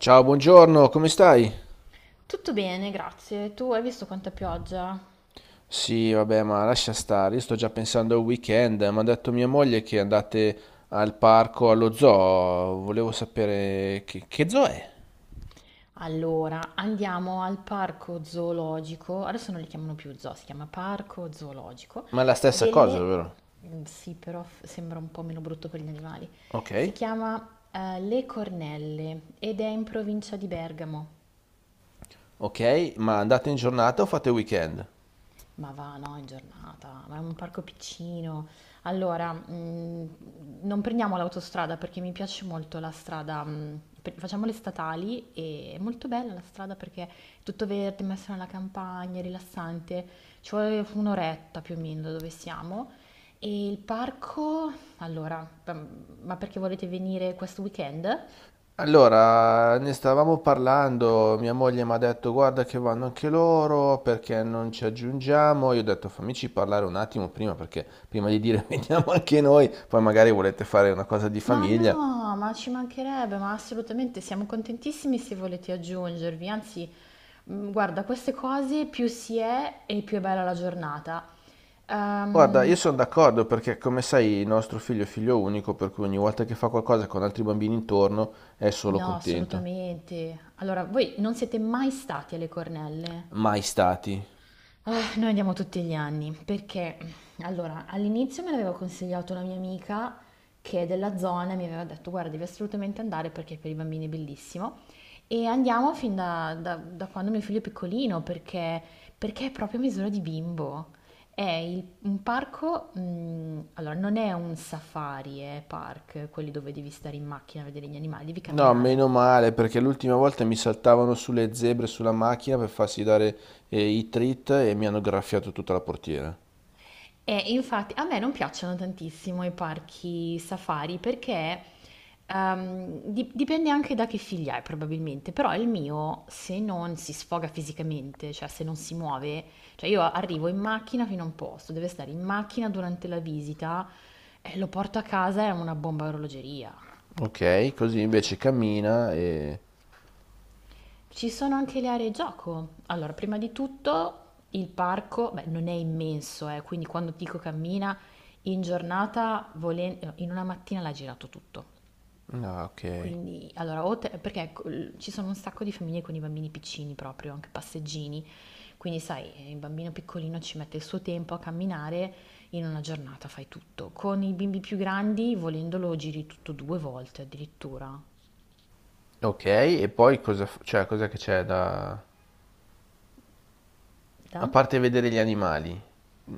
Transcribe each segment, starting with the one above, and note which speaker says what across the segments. Speaker 1: Ciao, buongiorno, come stai?
Speaker 2: Tutto bene, grazie. Tu hai visto quanta pioggia?
Speaker 1: Sì, vabbè, ma lascia stare, io sto già pensando al weekend, mi ha detto mia moglie che andate al parco, allo zoo, volevo sapere che zoo è?
Speaker 2: Allora, andiamo al parco zoologico, adesso non li chiamano più zoo, si chiama parco zoologico.
Speaker 1: Ma è la stessa cosa,
Speaker 2: delle...
Speaker 1: vero?
Speaker 2: Sì, però sembra un po' meno brutto per gli animali.
Speaker 1: Ok,
Speaker 2: Si chiama Le Cornelle ed è in provincia di Bergamo.
Speaker 1: ok, ma andate in giornata o fate weekend?
Speaker 2: Ma va, no, in giornata, ma è un parco piccino. Allora, non prendiamo l'autostrada perché mi piace molto la strada, facciamo le statali e è molto bella la strada perché è tutto verde, messa nella campagna, è rilassante. Ci vuole un'oretta più o meno da dove siamo. E il parco, allora, ma perché volete venire questo weekend?
Speaker 1: Allora, ne stavamo parlando, mia moglie mi ha detto guarda che vanno anche loro perché non ci aggiungiamo, io ho detto fammici parlare un attimo prima perché prima di dire veniamo anche noi, poi magari volete fare una cosa di
Speaker 2: Ma
Speaker 1: famiglia.
Speaker 2: no, ma ci mancherebbe, ma assolutamente siamo contentissimi se volete aggiungervi. Anzi, guarda, queste cose più si è e più è bella la giornata.
Speaker 1: Guarda,
Speaker 2: Ehm,
Speaker 1: io sono d'accordo perché come sai il nostro figlio è figlio unico, per cui ogni volta che fa qualcosa con altri bambini intorno è solo
Speaker 2: no,
Speaker 1: contento.
Speaker 2: assolutamente. Allora, voi non siete mai stati alle Cornelle?
Speaker 1: Mai stati.
Speaker 2: Ah, noi andiamo tutti gli anni perché allora all'inizio me l'aveva consigliato una mia amica che è della zona e mi aveva detto guarda devi assolutamente andare perché per i bambini è bellissimo e andiamo fin da quando mio figlio è piccolino, perché, perché è proprio a misura di bimbo. È un parco, allora non è un safari, è park, quelli dove devi stare in macchina a vedere gli animali, devi
Speaker 1: No, meno
Speaker 2: camminare.
Speaker 1: male perché l'ultima volta mi saltavano sulle zebre sulla macchina per farsi dare i treat e mi hanno graffiato tutta la portiera.
Speaker 2: E infatti a me non piacciono tantissimo i parchi safari perché dipende anche da che figlia hai probabilmente, però il mio se non si sfoga fisicamente, cioè se non si muove, cioè io arrivo in macchina fino a un posto, deve stare in macchina durante la visita e lo porto a casa, è una bomba a orologeria.
Speaker 1: Ok, così invece cammina e...
Speaker 2: Ci sono anche le aree gioco. Allora, prima di tutto il parco, beh, non è immenso, quindi quando ti dico cammina in giornata, no, in una mattina l'ha girato tutto.
Speaker 1: Ah, ok.
Speaker 2: Quindi, allora, perché ecco, ci sono un sacco di famiglie con i bambini piccini proprio, anche passeggini, quindi sai, il bambino piccolino ci mette il suo tempo a camminare, in una giornata fai tutto. Con i bimbi più grandi, volendolo, giri tutto due volte addirittura.
Speaker 1: Ok, e poi cosa... cioè, cosa che c'è da... A
Speaker 2: Da?
Speaker 1: parte vedere gli animali,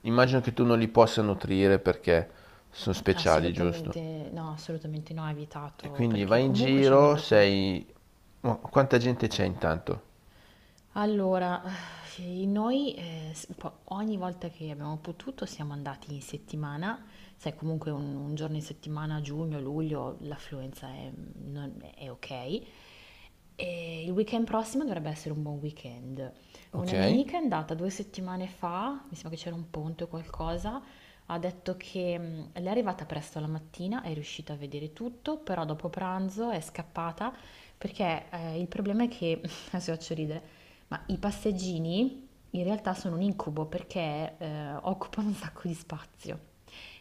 Speaker 1: immagino che tu non li possa nutrire perché sono speciali, giusto?
Speaker 2: Assolutamente no, ha
Speaker 1: E
Speaker 2: evitato,
Speaker 1: quindi
Speaker 2: perché
Speaker 1: vai in
Speaker 2: comunque c'è
Speaker 1: giro,
Speaker 2: molta cura.
Speaker 1: sei... ma quanta gente c'è intanto?
Speaker 2: Allora, noi ogni volta che abbiamo potuto siamo andati in settimana, sai comunque un giorno in settimana, giugno, luglio, l'affluenza è, mm, non- è ok. E il weekend prossimo dovrebbe essere un buon weekend.
Speaker 1: Ok.
Speaker 2: Una mia amica è andata 2 settimane fa, mi sembra che c'era un ponte o qualcosa, ha detto che lei è arrivata presto la mattina, è riuscita a vedere tutto, però dopo pranzo è scappata perché il problema è che, adesso vi faccio ridere, ma i passeggini in realtà sono un incubo perché occupano un sacco di spazio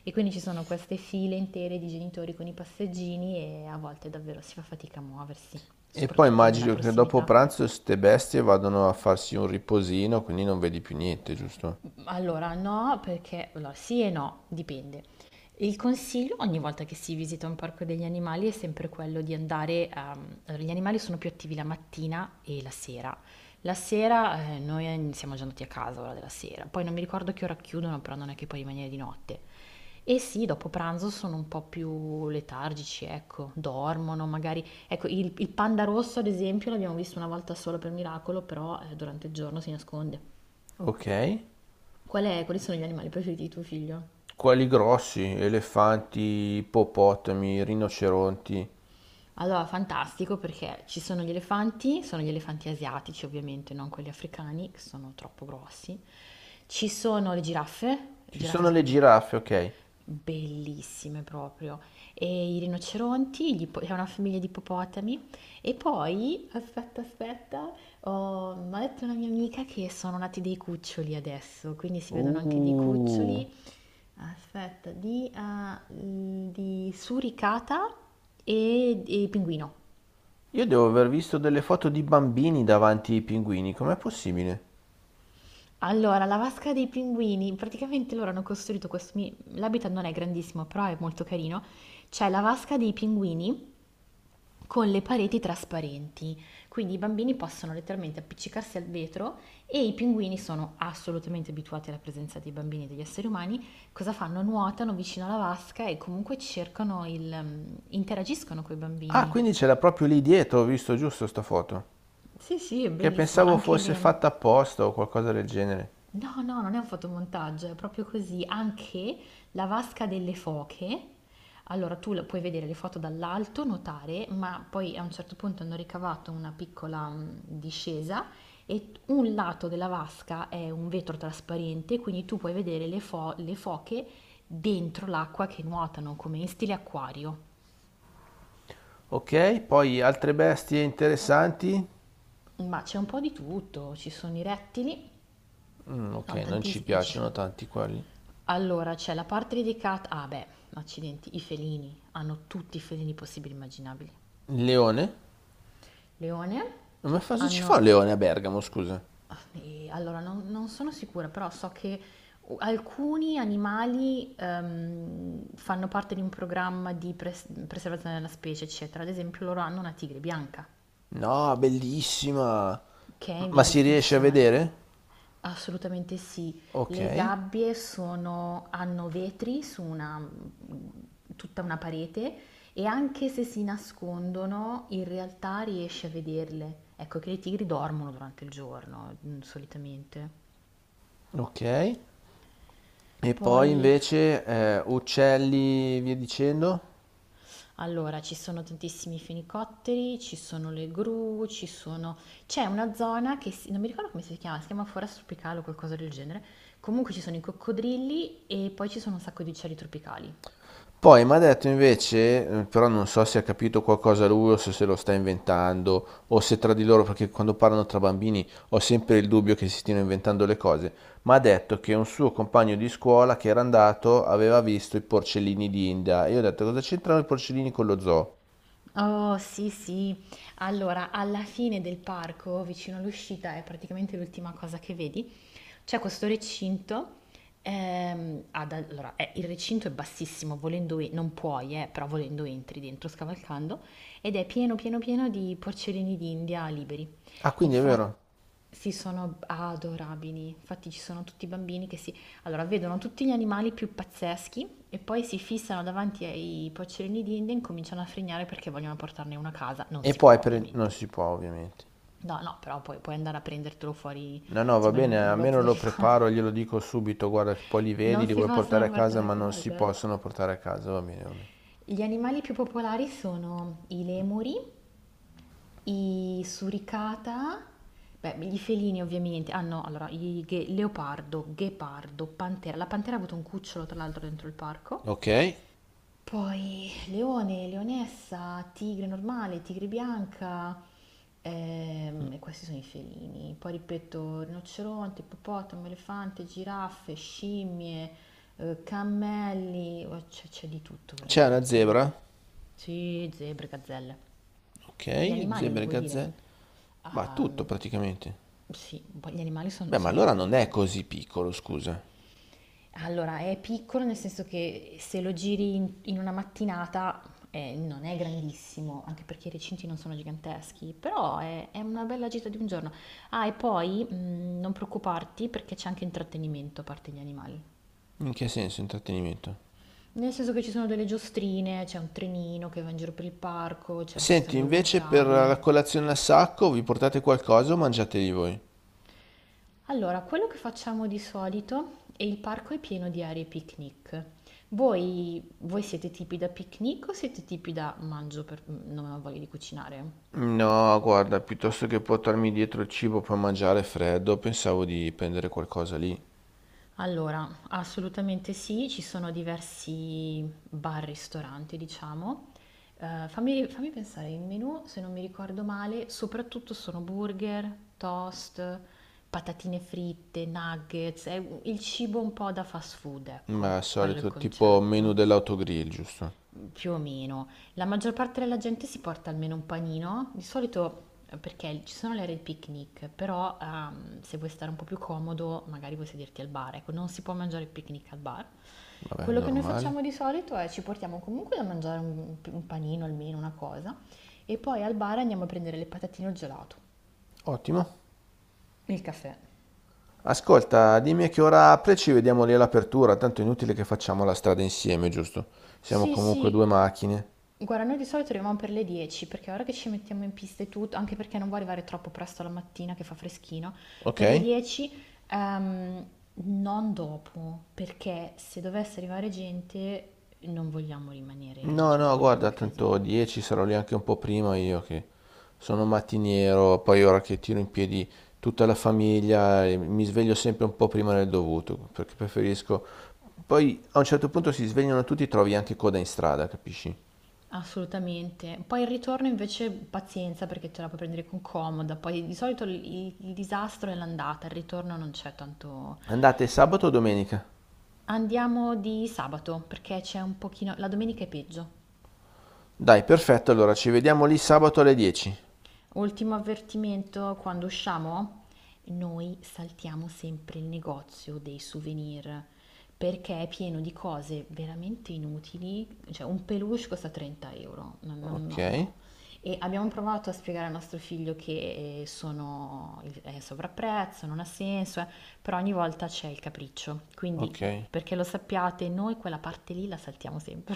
Speaker 2: e quindi ci sono queste file intere di genitori con i passeggini e a volte davvero si fa fatica a muoversi,
Speaker 1: E poi
Speaker 2: soprattutto nella
Speaker 1: immagino che dopo
Speaker 2: prossimità.
Speaker 1: pranzo ste bestie vadano a farsi un riposino, quindi non vedi più niente, giusto?
Speaker 2: Allora, no, perché allora, sì e no, dipende. Il consiglio ogni volta che si visita un parco degli animali è sempre quello di andare, allora, gli animali sono più attivi la mattina e la sera. La sera noi siamo già andati a casa ora della sera, poi non mi ricordo che ora chiudono, però non è che puoi rimanere di notte. E sì, dopo pranzo sono un po' più letargici, ecco, dormono magari. Ecco, il panda rosso ad esempio l'abbiamo visto una volta solo per miracolo, però durante il giorno si nasconde.
Speaker 1: Ok.
Speaker 2: Quali sono gli animali preferiti di tuo figlio?
Speaker 1: Quali grossi? Elefanti, ippopotami, rinoceronti.
Speaker 2: Allora, fantastico perché ci sono gli elefanti asiatici ovviamente, non quelli africani, che sono troppo grossi. Ci sono le
Speaker 1: Ci
Speaker 2: giraffe
Speaker 1: sono le
Speaker 2: sono
Speaker 1: giraffe, ok.
Speaker 2: bellissime proprio, e i rinoceronti, è una famiglia di ippopotami. E poi, aspetta, aspetta, Ho m'ha detto una mia amica che sono nati dei cuccioli adesso, quindi si vedono anche dei
Speaker 1: Uh.
Speaker 2: cuccioli. Aspetta, di suricata e pinguino.
Speaker 1: Io devo aver visto delle foto di bambini davanti ai pinguini, com'è possibile?
Speaker 2: Allora, la vasca dei pinguini, praticamente loro hanno costruito questo mi l'habitat non è grandissimo, però è molto carino. C'è la vasca dei pinguini con le pareti trasparenti, quindi i bambini possono letteralmente appiccicarsi al vetro e i pinguini sono assolutamente abituati alla presenza dei bambini e degli esseri umani. Cosa fanno? Nuotano vicino alla vasca e comunque interagiscono con i
Speaker 1: Ah,
Speaker 2: bambini.
Speaker 1: quindi ce l'ha proprio lì dietro, ho visto giusto sta foto.
Speaker 2: Sì, sì, è
Speaker 1: Che
Speaker 2: bellissimo.
Speaker 1: pensavo fosse fatta apposta o qualcosa del genere.
Speaker 2: No, no, non è un fotomontaggio, è proprio così. Anche la vasca delle foche. Allora, puoi vedere le foto dall'alto, notare, ma poi a un certo punto hanno ricavato una piccola discesa e un lato della vasca è un vetro trasparente, quindi tu puoi vedere le foche dentro l'acqua che nuotano, come in stile acquario.
Speaker 1: Ok, poi altre bestie interessanti?
Speaker 2: Ma c'è un po' di tutto, ci sono i rettili,
Speaker 1: Mm, ok,
Speaker 2: no,
Speaker 1: non ci
Speaker 2: tantissimi, ci
Speaker 1: piacciono
Speaker 2: sono...
Speaker 1: tanti quelli.
Speaker 2: Allora, c'è la parte dedicata, accidenti, i felini, hanno tutti i felini possibili e immaginabili.
Speaker 1: Leone?
Speaker 2: Leone,
Speaker 1: Ma cosa ci fa un
Speaker 2: hanno,
Speaker 1: leone a Bergamo, scusa?
Speaker 2: e allora non sono sicura, però so che alcuni animali fanno parte di un programma di preservazione della specie, eccetera. Ad esempio loro hanno una tigre bianca,
Speaker 1: No, bellissima!
Speaker 2: che è in
Speaker 1: Ma
Speaker 2: via di
Speaker 1: si riesce a
Speaker 2: estinzione.
Speaker 1: vedere?
Speaker 2: Assolutamente sì.
Speaker 1: Ok,
Speaker 2: Le gabbie sono hanno vetri su una tutta una parete e anche se si nascondono, in realtà riesci a vederle. Ecco che i tigri dormono durante il giorno, solitamente.
Speaker 1: ok. E poi
Speaker 2: Poi,
Speaker 1: invece uccelli, via dicendo?
Speaker 2: allora, ci sono tantissimi fenicotteri, ci sono le gru, ci sono... C'è una zona che non mi ricordo come si chiama foresta tropicale o qualcosa del genere. Comunque ci sono i coccodrilli e poi ci sono un sacco di uccelli tropicali.
Speaker 1: Poi mi ha detto invece, però non so se ha capito qualcosa lui o se se lo sta inventando o se tra di loro, perché quando parlano tra bambini ho sempre il dubbio che si stiano inventando le cose, mi ha detto che un suo compagno di scuola che era andato aveva visto i porcellini d'India e io ho detto cosa c'entrano i porcellini con lo zoo?
Speaker 2: Oh sì, sì. Allora, alla fine del parco, vicino all'uscita, è praticamente l'ultima cosa che vedi, c'è questo recinto. Allora, il recinto è bassissimo, volendo non puoi, però volendo entri dentro scavalcando, ed è pieno pieno pieno di porcellini d'India liberi.
Speaker 1: Ah, quindi è vero?
Speaker 2: Sì, sono adorabili. Infatti ci sono tutti i bambini che si... Allora, vedono tutti gli animali più pazzeschi e poi si fissano davanti ai pocciolini di India e incominciano a frignare perché vogliono portarne uno a casa. Non
Speaker 1: E
Speaker 2: si può,
Speaker 1: poi
Speaker 2: ovviamente.
Speaker 1: non si può ovviamente.
Speaker 2: No, no, però poi puoi andare a prendertelo fuori,
Speaker 1: No, no, va
Speaker 2: insomma, in un
Speaker 1: bene, almeno
Speaker 2: negozio di
Speaker 1: lo preparo,
Speaker 2: animali.
Speaker 1: glielo dico subito, guarda che poi li vedi,
Speaker 2: Non
Speaker 1: li
Speaker 2: si
Speaker 1: vuoi portare
Speaker 2: possono
Speaker 1: a casa,
Speaker 2: portare a
Speaker 1: ma non si
Speaker 2: casa.
Speaker 1: possono portare a casa, va bene, va bene.
Speaker 2: Gli animali più popolari sono i lemuri, i suricata, beh, gli felini ovviamente, ah no, allora, leopardo, ghepardo, pantera. La pantera ha avuto un cucciolo, tra l'altro, dentro il parco.
Speaker 1: Ok,
Speaker 2: Poi leone, leonessa, tigre normale, tigre bianca, e questi sono i felini. Poi ripeto, rinoceronte, ippopotamo, elefante, giraffe, scimmie, cammelli, oh, c'è di tutto
Speaker 1: c'è una
Speaker 2: veramente.
Speaker 1: zebra?
Speaker 2: Sì, zebre, gazzelle. Gli
Speaker 1: Ok,
Speaker 2: animali,
Speaker 1: zebre,
Speaker 2: devo dire,
Speaker 1: gazzelle, ma tutto
Speaker 2: ehm,
Speaker 1: praticamente.
Speaker 2: sì, un po' gli animali sono
Speaker 1: Beh, ma allora
Speaker 2: belli,
Speaker 1: non è
Speaker 2: eh.
Speaker 1: così piccolo, scusa.
Speaker 2: Allora, è piccolo nel senso che se lo giri in una mattinata non è grandissimo, anche perché i recinti non sono giganteschi, però è una bella gita di un giorno. Ah, e poi non preoccuparti perché c'è anche intrattenimento a parte gli animali.
Speaker 1: In che senso intrattenimento?
Speaker 2: Nel senso che ci sono delle giostrine, c'è un trenino che va in giro per il parco, c'è un
Speaker 1: Senti,
Speaker 2: castello
Speaker 1: invece per la
Speaker 2: gonfiabile.
Speaker 1: colazione a sacco vi portate qualcosa o mangiateli voi?
Speaker 2: Allora, quello che facciamo di solito e il parco è pieno di aree picnic. Voi siete tipi da picnic o siete tipi da non ho voglia di cucinare?
Speaker 1: No, guarda, piuttosto che portarmi dietro il cibo per mangiare freddo, pensavo di prendere qualcosa lì.
Speaker 2: Allora, assolutamente sì, ci sono diversi bar-ristoranti, diciamo. Fammi pensare, il menù, se non mi ricordo male, soprattutto sono burger, toast, patatine fritte, nuggets, è il cibo un po' da fast food, ecco,
Speaker 1: Ma al
Speaker 2: quello è il
Speaker 1: solito tipo menu
Speaker 2: concetto.
Speaker 1: dell'autogrill, giusto?
Speaker 2: Più o meno. La maggior parte della gente si porta almeno un panino, di solito perché ci sono le aree di picnic, però se vuoi stare un po' più comodo, magari vuoi sederti al bar, ecco, non si può mangiare il picnic al bar.
Speaker 1: Vabbè,
Speaker 2: Quello che noi
Speaker 1: normale.
Speaker 2: facciamo di solito è ci portiamo comunque da mangiare un panino almeno, una cosa, e poi al bar andiamo a prendere le patatine o il gelato,
Speaker 1: Ottimo.
Speaker 2: il caffè.
Speaker 1: Ascolta, dimmi a che ora apre e ci vediamo lì all'apertura, tanto è inutile che facciamo la strada insieme, giusto? Siamo
Speaker 2: Sì,
Speaker 1: comunque due
Speaker 2: sì.
Speaker 1: macchine.
Speaker 2: Guarda, noi di solito arriviamo per le 10 perché ora che ci mettiamo in pista e tutto, anche perché non vuoi arrivare troppo presto la mattina che fa freschino, per le
Speaker 1: Ok?
Speaker 2: 10 ehm, non dopo, perché se dovesse arrivare gente non vogliamo rimanere,
Speaker 1: No,
Speaker 2: cioè non
Speaker 1: no,
Speaker 2: vogliamo
Speaker 1: guarda,
Speaker 2: il
Speaker 1: tanto
Speaker 2: casino.
Speaker 1: 10 sarò lì anche un po' prima io che sono mattiniero, poi ora che tiro in piedi tutta la famiglia e mi sveglio sempre un po' prima del dovuto, perché preferisco... Poi a un certo punto si svegliano tutti e trovi anche coda in strada, capisci?
Speaker 2: Assolutamente. Poi il ritorno invece pazienza perché te la puoi prendere con comoda, poi di solito il disastro è l'andata, il ritorno non c'è tanto...
Speaker 1: Andate sabato o domenica?
Speaker 2: Andiamo di sabato perché c'è un pochino... La domenica è peggio.
Speaker 1: Dai, perfetto, allora ci vediamo lì sabato alle 10.
Speaker 2: Ultimo avvertimento, quando usciamo noi saltiamo sempre il negozio dei souvenir perché è pieno di cose veramente inutili, cioè un peluche costa 30 euro, no, no,
Speaker 1: Ok,
Speaker 2: no, no. E abbiamo provato a spiegare al nostro figlio che è sovrapprezzo, non ha senso, però ogni volta c'è il capriccio, quindi
Speaker 1: ok.
Speaker 2: perché lo sappiate, noi quella parte lì la saltiamo sempre.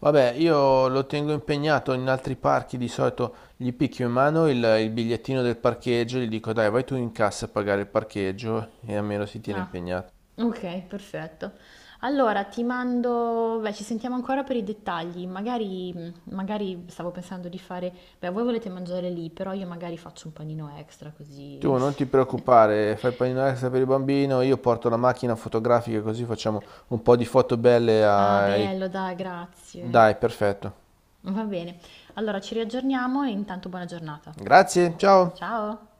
Speaker 1: Vabbè, io lo tengo impegnato in altri parchi, di solito gli picchio in mano il bigliettino del parcheggio, gli dico dai, vai tu in cassa a pagare il parcheggio e almeno si tiene
Speaker 2: No,
Speaker 1: impegnato.
Speaker 2: okay, perfetto. Allora ci sentiamo ancora per i dettagli. Magari stavo pensando di fare, voi volete mangiare lì, però io magari faccio un panino extra
Speaker 1: Tu
Speaker 2: così.
Speaker 1: non ti preoccupare, fai panino extra per il bambino, io porto la macchina fotografica così facciamo un po' di foto belle
Speaker 2: Ah,
Speaker 1: ai...
Speaker 2: bello, dai, grazie.
Speaker 1: Dai, perfetto.
Speaker 2: Va bene. Allora ci riaggiorniamo e intanto buona giornata.
Speaker 1: Grazie, ciao!
Speaker 2: Ciao.